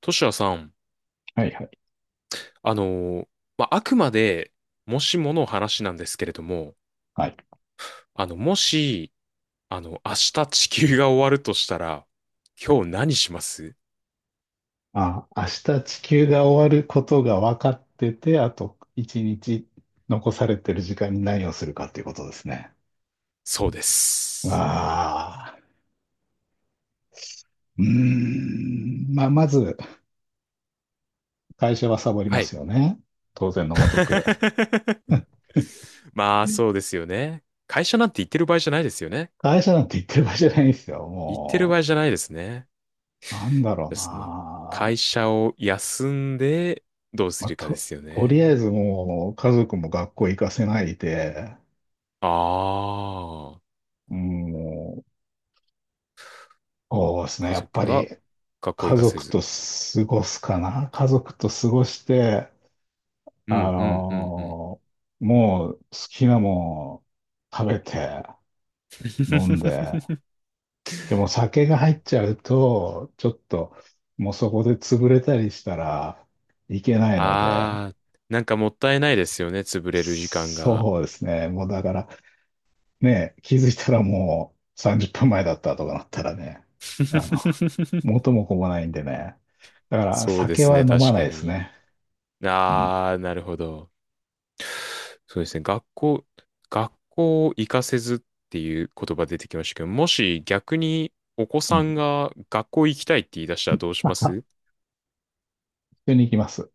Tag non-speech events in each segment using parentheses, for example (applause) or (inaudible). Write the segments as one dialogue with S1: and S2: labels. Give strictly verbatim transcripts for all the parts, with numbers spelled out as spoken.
S1: トシヤさん、
S2: はいはい。
S1: あのーまあ、あくまで、もしもの話なんですけれども、
S2: はい。
S1: あの、もし、あの、明日地球が終わるとしたら、今日何します？
S2: あ、明日地球が終わることが分かってて、あと一日残されてる時間に何をするかっていうことですね。
S1: そうで
S2: わ
S1: す。
S2: あ、うーん。まあ、まず、会社はサボり
S1: は
S2: ま
S1: い。
S2: すよね。当然のごとく。
S1: (laughs)
S2: (laughs)
S1: まあ、そうですよね。会社なんて言ってる場合じゃないですよね。
S2: 会社なんて言ってる場合じゃないんですよ。
S1: 言ってる場
S2: も
S1: 合じゃないですね。
S2: う、なんだろう
S1: その、
S2: な。
S1: 会社を休んで、どうす
S2: まあ、
S1: るかで
S2: と、
S1: すよ
S2: とりあえ
S1: ね。
S2: ずもう家族も学校行かせないで、
S1: ああ、
S2: うんもう、そうですね。
S1: 家
S2: やっぱ
S1: 族
S2: り
S1: は学校行
S2: 家
S1: かせ
S2: 族
S1: ず。
S2: と過ごすかな。家族と過ごして、
S1: う
S2: あ
S1: ん、うん、うん、うん。
S2: のーもう好きなもん食べて飲んで、
S1: (laughs)
S2: でも酒が入っちゃうと、ちょっともうそこで潰れたりしたらいけないので、
S1: ああ、なんかもったいないですよね、潰れる時間が。
S2: そうですね。もうだからね、気づいたらもうさんじゅっぷんまえだったとかなったらね、あの、
S1: (laughs)
S2: 元も子もないんでね。だから
S1: そうで
S2: 酒
S1: す
S2: は
S1: ね、
S2: 飲ま
S1: 確
S2: な
S1: か
S2: いです
S1: に。
S2: ね。う
S1: ああ、なるほど。そうですね、学校、学校行かせずっていう言葉出てきましたけど、もし逆にお子さん
S2: ん。
S1: が学校行きたいって言い出したらどうします？
S2: 緒に行きます。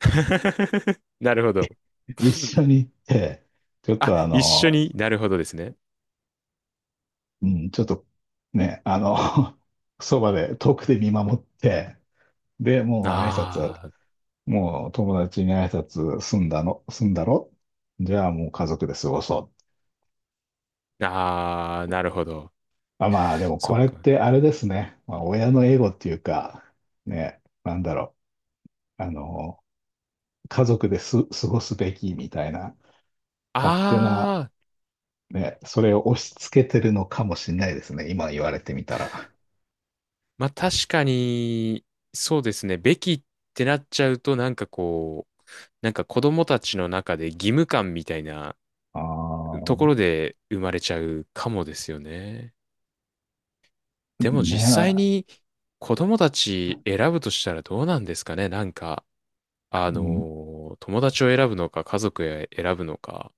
S1: (laughs) なるほど。
S2: 一緒に行って、ちょっ
S1: あ、
S2: とあ
S1: 一緒
S2: の、
S1: に、なるほどですね。
S2: うん、ちょっとね、あの、(laughs) そばで遠くで見守って、で、もう挨拶、
S1: あ
S2: もう友達に挨拶済んだの、済んだろじゃあもう家族で過ごそう。
S1: あ、ああ、なるほど。
S2: あ、まあでも
S1: そ
S2: こ
S1: っ
S2: れっ
S1: か。
S2: てあれですね。まあ、親のエゴっていうか、ね、なんだろう。あの、家族です過ごすべきみたいな、勝手な、
S1: ああ、
S2: ね、それを押し付けてるのかもしれないですね。今言われてみたら。
S1: まあ確かに、そうですね。べきってなっちゃうと、なんかこう、なんか子供たちの中で義務感みたいな
S2: あ
S1: と
S2: あ、
S1: ころで生まれちゃうかもですよね。でも
S2: ね
S1: 実際
S2: え、
S1: に子供たち選ぶとしたらどうなんですかね。なんか、あ
S2: う
S1: の
S2: ん。
S1: ー友達を選ぶのか、家族を選ぶのか。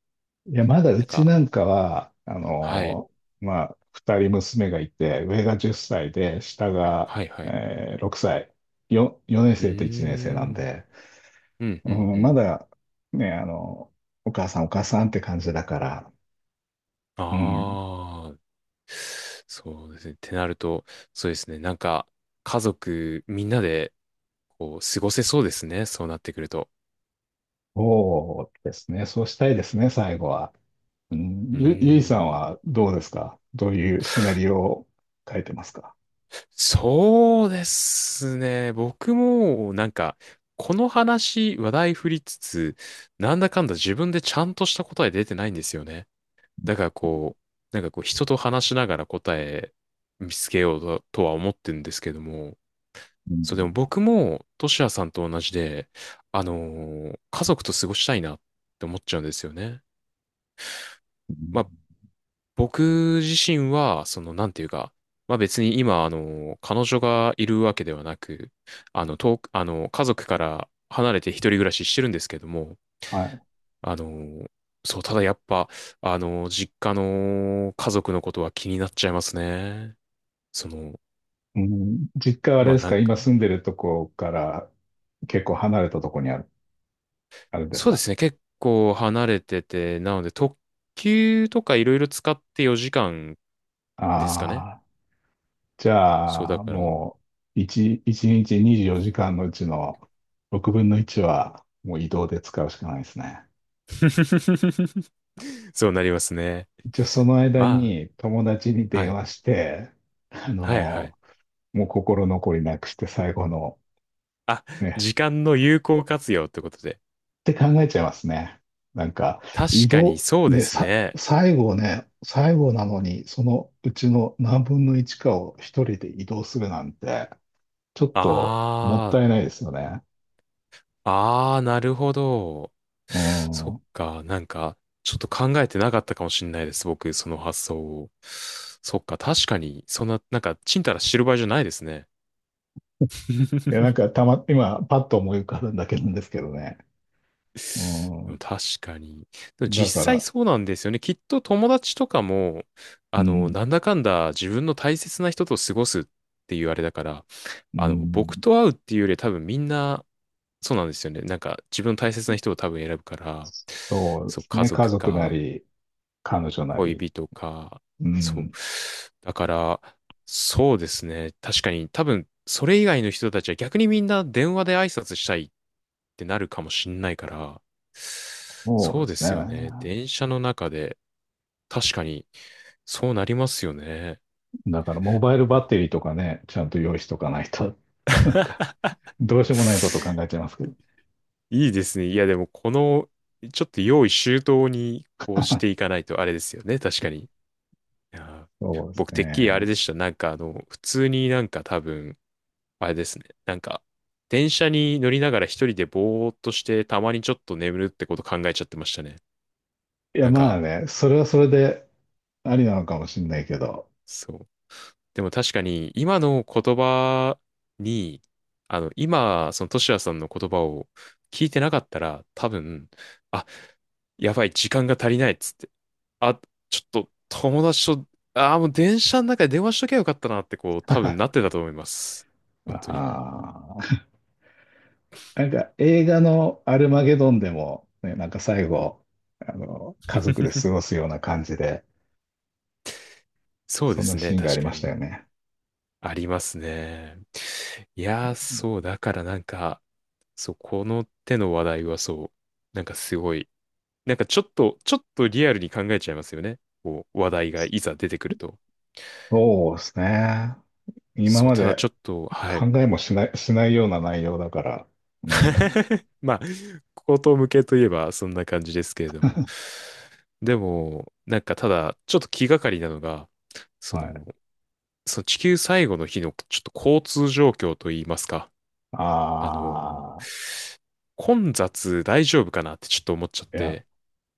S2: いや、まだう
S1: なん
S2: ち
S1: か、
S2: なんかは、あ
S1: はい、
S2: のーまあ、二人娘がいて、上がじゅっさいで、下が、
S1: はい、はい。
S2: えーろくさい、よ、よねん
S1: うー
S2: 生といちねん生なん
S1: ん、
S2: で、
S1: うん、う
S2: う
S1: ん、う
S2: ん、ま
S1: ん。
S2: だ、ね、あの、お母さんお母さんって感じだから、うん、
S1: ああ。そうですね。ってなると、そうですね。なんか、家族みんなで、こう、過ごせそうですね。そうなってくると。
S2: そうですね、そうしたいですね、最後は。うん、
S1: う
S2: ゆ、ゆいさん
S1: ーん。
S2: はどうですか？どういうシナリオを書いてますか？
S1: そうですね。僕も、なんか、この話、話題振りつつ、なんだかんだ自分でちゃんとした答え出てないんですよね。だからこう、なんかこう、人と話しながら答え見つけようと、とは思ってるんですけども、
S2: うん、
S1: そう、でも僕も、トシヤさんと同じで、あのー家族と過ごしたいなって思っちゃうんですよね。まあ、僕自身は、その、なんていうか、まあ別に今、あのー彼女がいるわけではなく、あの、遠く、あのー家族から離れて一人暮らししてるんですけども、
S2: はい。
S1: あのーそう、ただやっぱ、あのー実家の家族のことは気になっちゃいますね。その、
S2: うん、実家はあれ
S1: ま
S2: で
S1: あ
S2: す
S1: な
S2: か？
S1: んか、
S2: 今住んでるとこから結構離れたとこにある、あるんです
S1: そうで
S2: か？
S1: すね。結構離れてて、なので特急とかいろいろ使ってよじかんですかね。
S2: ああ、じ
S1: そうだ
S2: ゃあ、
S1: から。
S2: もう、一一日にじゅうよじかんのうちのろくぶんのいちは、もう移動で使うしかないですね。
S1: (laughs) そうなりますね。
S2: じゃあ、その間
S1: ま
S2: に友達に
S1: あ、は
S2: 電
S1: い。
S2: 話して、あ
S1: はいは
S2: の、
S1: い。
S2: もう心残りなくして最後の
S1: あ、
S2: ね、
S1: 時間の有効活用ってことで。
S2: って考えちゃいますね。なんか、
S1: 確
S2: 移
S1: かに
S2: 動、
S1: そうで
S2: ね、
S1: す
S2: さ、
S1: ね。
S2: 最後ね、最後なのに、そのうちの何分のいちかを一人で移動するなんて、ちょっともっ
S1: あ
S2: たいないですよね。
S1: あ、ああ、なるほど。
S2: う
S1: そ
S2: ん。
S1: っ
S2: い
S1: か、なんか、ちょっと考えてなかったかもしれないです。僕、その発想を。そっか、確かに、そんな、なんか、ちんたら知る場合じゃないですね。
S2: や、なん
S1: (laughs)
S2: かたま、今、パッと思い浮かぶんだけなんですけどね。うん。
S1: 確かに。でも
S2: だか
S1: 実際
S2: ら、
S1: そうなんですよね。きっと友達とかも、
S2: う
S1: あの、
S2: ん、
S1: なんだかんだ自分の大切な人と過ごすっていうあれだから、
S2: う
S1: あの、僕
S2: ん。
S1: と会うっていうよりは多分みんな、そうなんですよね。なんか自分の大切な人を多分選ぶから、
S2: そうで
S1: そう、
S2: す
S1: 家
S2: ね。家
S1: 族
S2: 族な
S1: か、
S2: り、彼女な
S1: 恋
S2: り。
S1: 人か、
S2: う
S1: そう。
S2: ん。
S1: だから、そうですね。確かに、多分、それ以外の人たちは逆にみんな電話で挨拶したいってなるかもしんないから、
S2: そう
S1: そ
S2: で
S1: うで
S2: すね。
S1: すよね。電車の中で、確かに、そうなりますよね。
S2: だから、モバイル
S1: い
S2: バ
S1: や、
S2: ッテリーとかね、ちゃんと用意しとかないと。(laughs) なんかどうしようもないことを考えちゃいますけど。
S1: いいですね。いや、でも、この、ちょっと用意周到に、こうしていかないとあれですよね。確かに。いやー
S2: そうです
S1: 僕、てっきりあれ
S2: ね。
S1: でした。なんか、あの、普通になんか多分、あれですね。なんか、電車に乗りながら一人でぼーっとして、たまにちょっと眠るってこと考えちゃってましたね。
S2: いや、
S1: なん
S2: ま
S1: か、
S2: あね、それはそれでありなのかもしれないけど。
S1: そう。でも確かに、今の言葉に、あの、今、そのトシヤさんの言葉を聞いてなかったら、多分、あ、やばい、時間が足りないっつって。あ、ちょっと、友達と、あー、もう電車の中で電話しときゃよかったなって、こう、
S2: (laughs)
S1: 多分
S2: あ
S1: なってたと思います。本当に。
S2: あ、なんか映画のアルマゲドンでも、ね、なんか最後、あの、家族で過
S1: (laughs)
S2: ごすような感じで、
S1: そう
S2: そ
S1: で
S2: んな
S1: すね、
S2: シーンがあ
S1: 確
S2: り
S1: か
S2: ました
S1: に。
S2: よね。
S1: ありますね。いやー、そう、だからなんか、そう、この手の話題はそう、なんかすごい、なんかちょっと、ちょっとリアルに考えちゃいますよね。こう、話題がいざ出てくると。
S2: そうですね。今
S1: そう、
S2: ま
S1: ただちょ
S2: で
S1: っと、は
S2: 考
S1: い。
S2: えもしない、しないような内容だから。うん。
S1: (laughs) まあ、こと向けといえばそんな感じですけれども。でも、なんかただ、ちょっと気がかりなのが、そ
S2: はい。
S1: の、その地球最後の日のちょっと交通状況といいますか。
S2: あ
S1: あの
S2: あ。
S1: ー混雑大丈夫かなってちょっと思っちゃっ
S2: いや、
S1: て、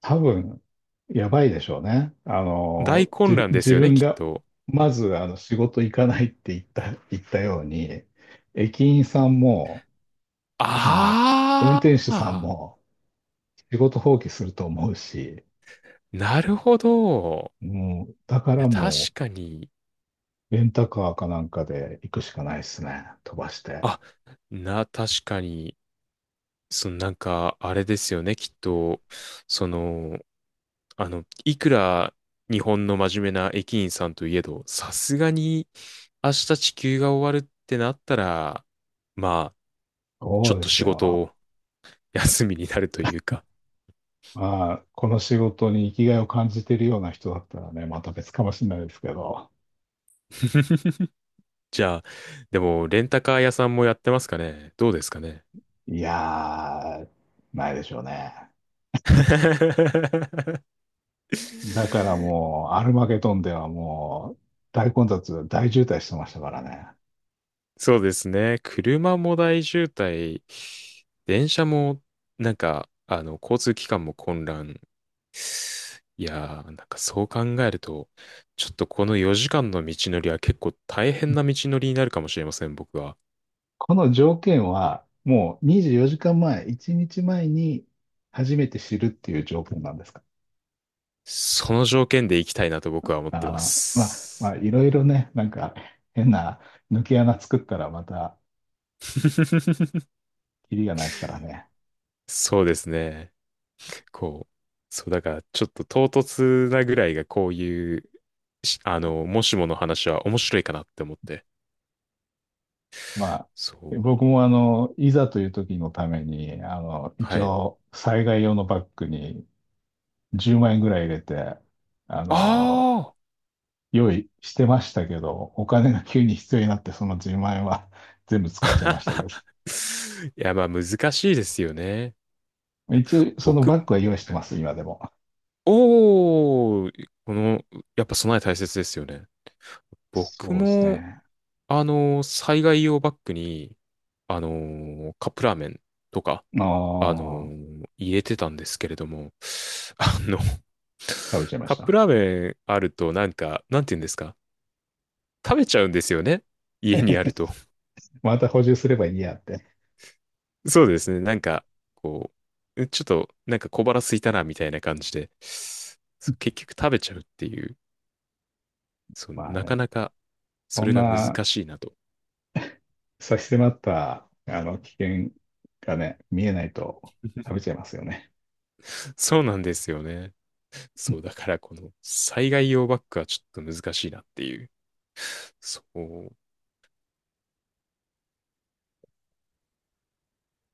S2: 多分、やばいでしょうね。あ
S1: 大
S2: の、
S1: 混
S2: じ、
S1: 乱です
S2: 自
S1: よね、
S2: 分
S1: きっ
S2: が、
S1: と。
S2: まず、あの、仕事行かないって言った、言ったように、駅員さんも、あの、運転
S1: あ
S2: 手さん
S1: あ、
S2: も、仕事放棄すると思うし、
S1: なるほど。
S2: もう、だか
S1: い
S2: ら
S1: や、確
S2: も
S1: かに、
S2: う、レンタカーかなんかで行くしかないですね。飛ばして。
S1: あ、な、確かに、そのなんか、あれですよね、きっと、その、あの、いくら日本の真面目な駅員さんといえど、さすがに明日地球が終わるってなったら、まあ、ち
S2: そ
S1: ょ
S2: う
S1: っ
S2: で
S1: と
S2: す
S1: 仕事を
S2: よ。
S1: 休みになるというか。
S2: まあ、この仕事に生きがいを感じてるような人だったらね、また別かもしれないですけど、
S1: (laughs) じゃあ、でも、レンタカー屋さんもやってますかね？どうですかね？
S2: いやー、ないでしょうね。
S1: (laughs)
S2: だからもう、アルマゲドンではもう、大混雑、大渋滞してましたからね。
S1: そうですね。車も大渋滞、電車も、なんか、あの、交通機関も混乱。いやー、なんかそう考えると、ちょっとこのよじかんの道のりは結構大変な道のりになるかもしれません、僕は。
S2: この条件は、もうにじゅうよじかんまえ、いちにちまえに初めて知るっていう条件なんですか？
S1: その条件で行きたいなと僕は思ってま
S2: あー、まあ、ま
S1: す。
S2: あ、いろいろね、なんか変な抜け穴作ったらまた、
S1: (laughs)
S2: キリがないですからね。
S1: そうですね。こう、そう、だからちょっと唐突なぐらいがこういう、しあの、もしもの話は面白いかなって思って。
S2: まあ、
S1: そう。
S2: 僕もあの、いざという時のために、あの、一
S1: はい。
S2: 応、災害用のバッグにじゅうまん円ぐらい入れて、あの、
S1: ああ。
S2: 用意してましたけど、お金が急に必要になって、そのじゅうまん円は (laughs) 全部使っちゃいましたけど。
S1: (laughs) いや、まあ難しいですよね。
S2: 一応、その
S1: 僕、
S2: バ
S1: も
S2: ッグは用意してます、今でも。
S1: おー、この、やっぱ備え大切ですよね。僕
S2: そうです
S1: も、
S2: ね。
S1: あの、災害用バッグに、あの、カップラーメンとか、
S2: あ
S1: あの、
S2: あ、
S1: 入れてたんですけれども、あの、
S2: 食べちゃいま
S1: カ
S2: し
S1: ップ
S2: た。
S1: ラーメンあるとなんか、なんて言うんですか、食べちゃうんですよね。家にあると。
S2: (laughs) また補充すればいいやって。
S1: (laughs) そうですね。なんか、こう、ちょっとなんか小腹空いたなみたいな感じで、そう結局食べちゃうっていう、そう、
S2: まあ
S1: なか
S2: ね、
S1: なかそ
S2: そ
S1: れ
S2: ん
S1: が難
S2: な
S1: しいなと。
S2: 差し迫った、あの、危険がね、見えないと食べちゃいますよね。
S1: そうなんですよね。そう、だからこの災害用バッグはちょっと難しいなっていう。そう。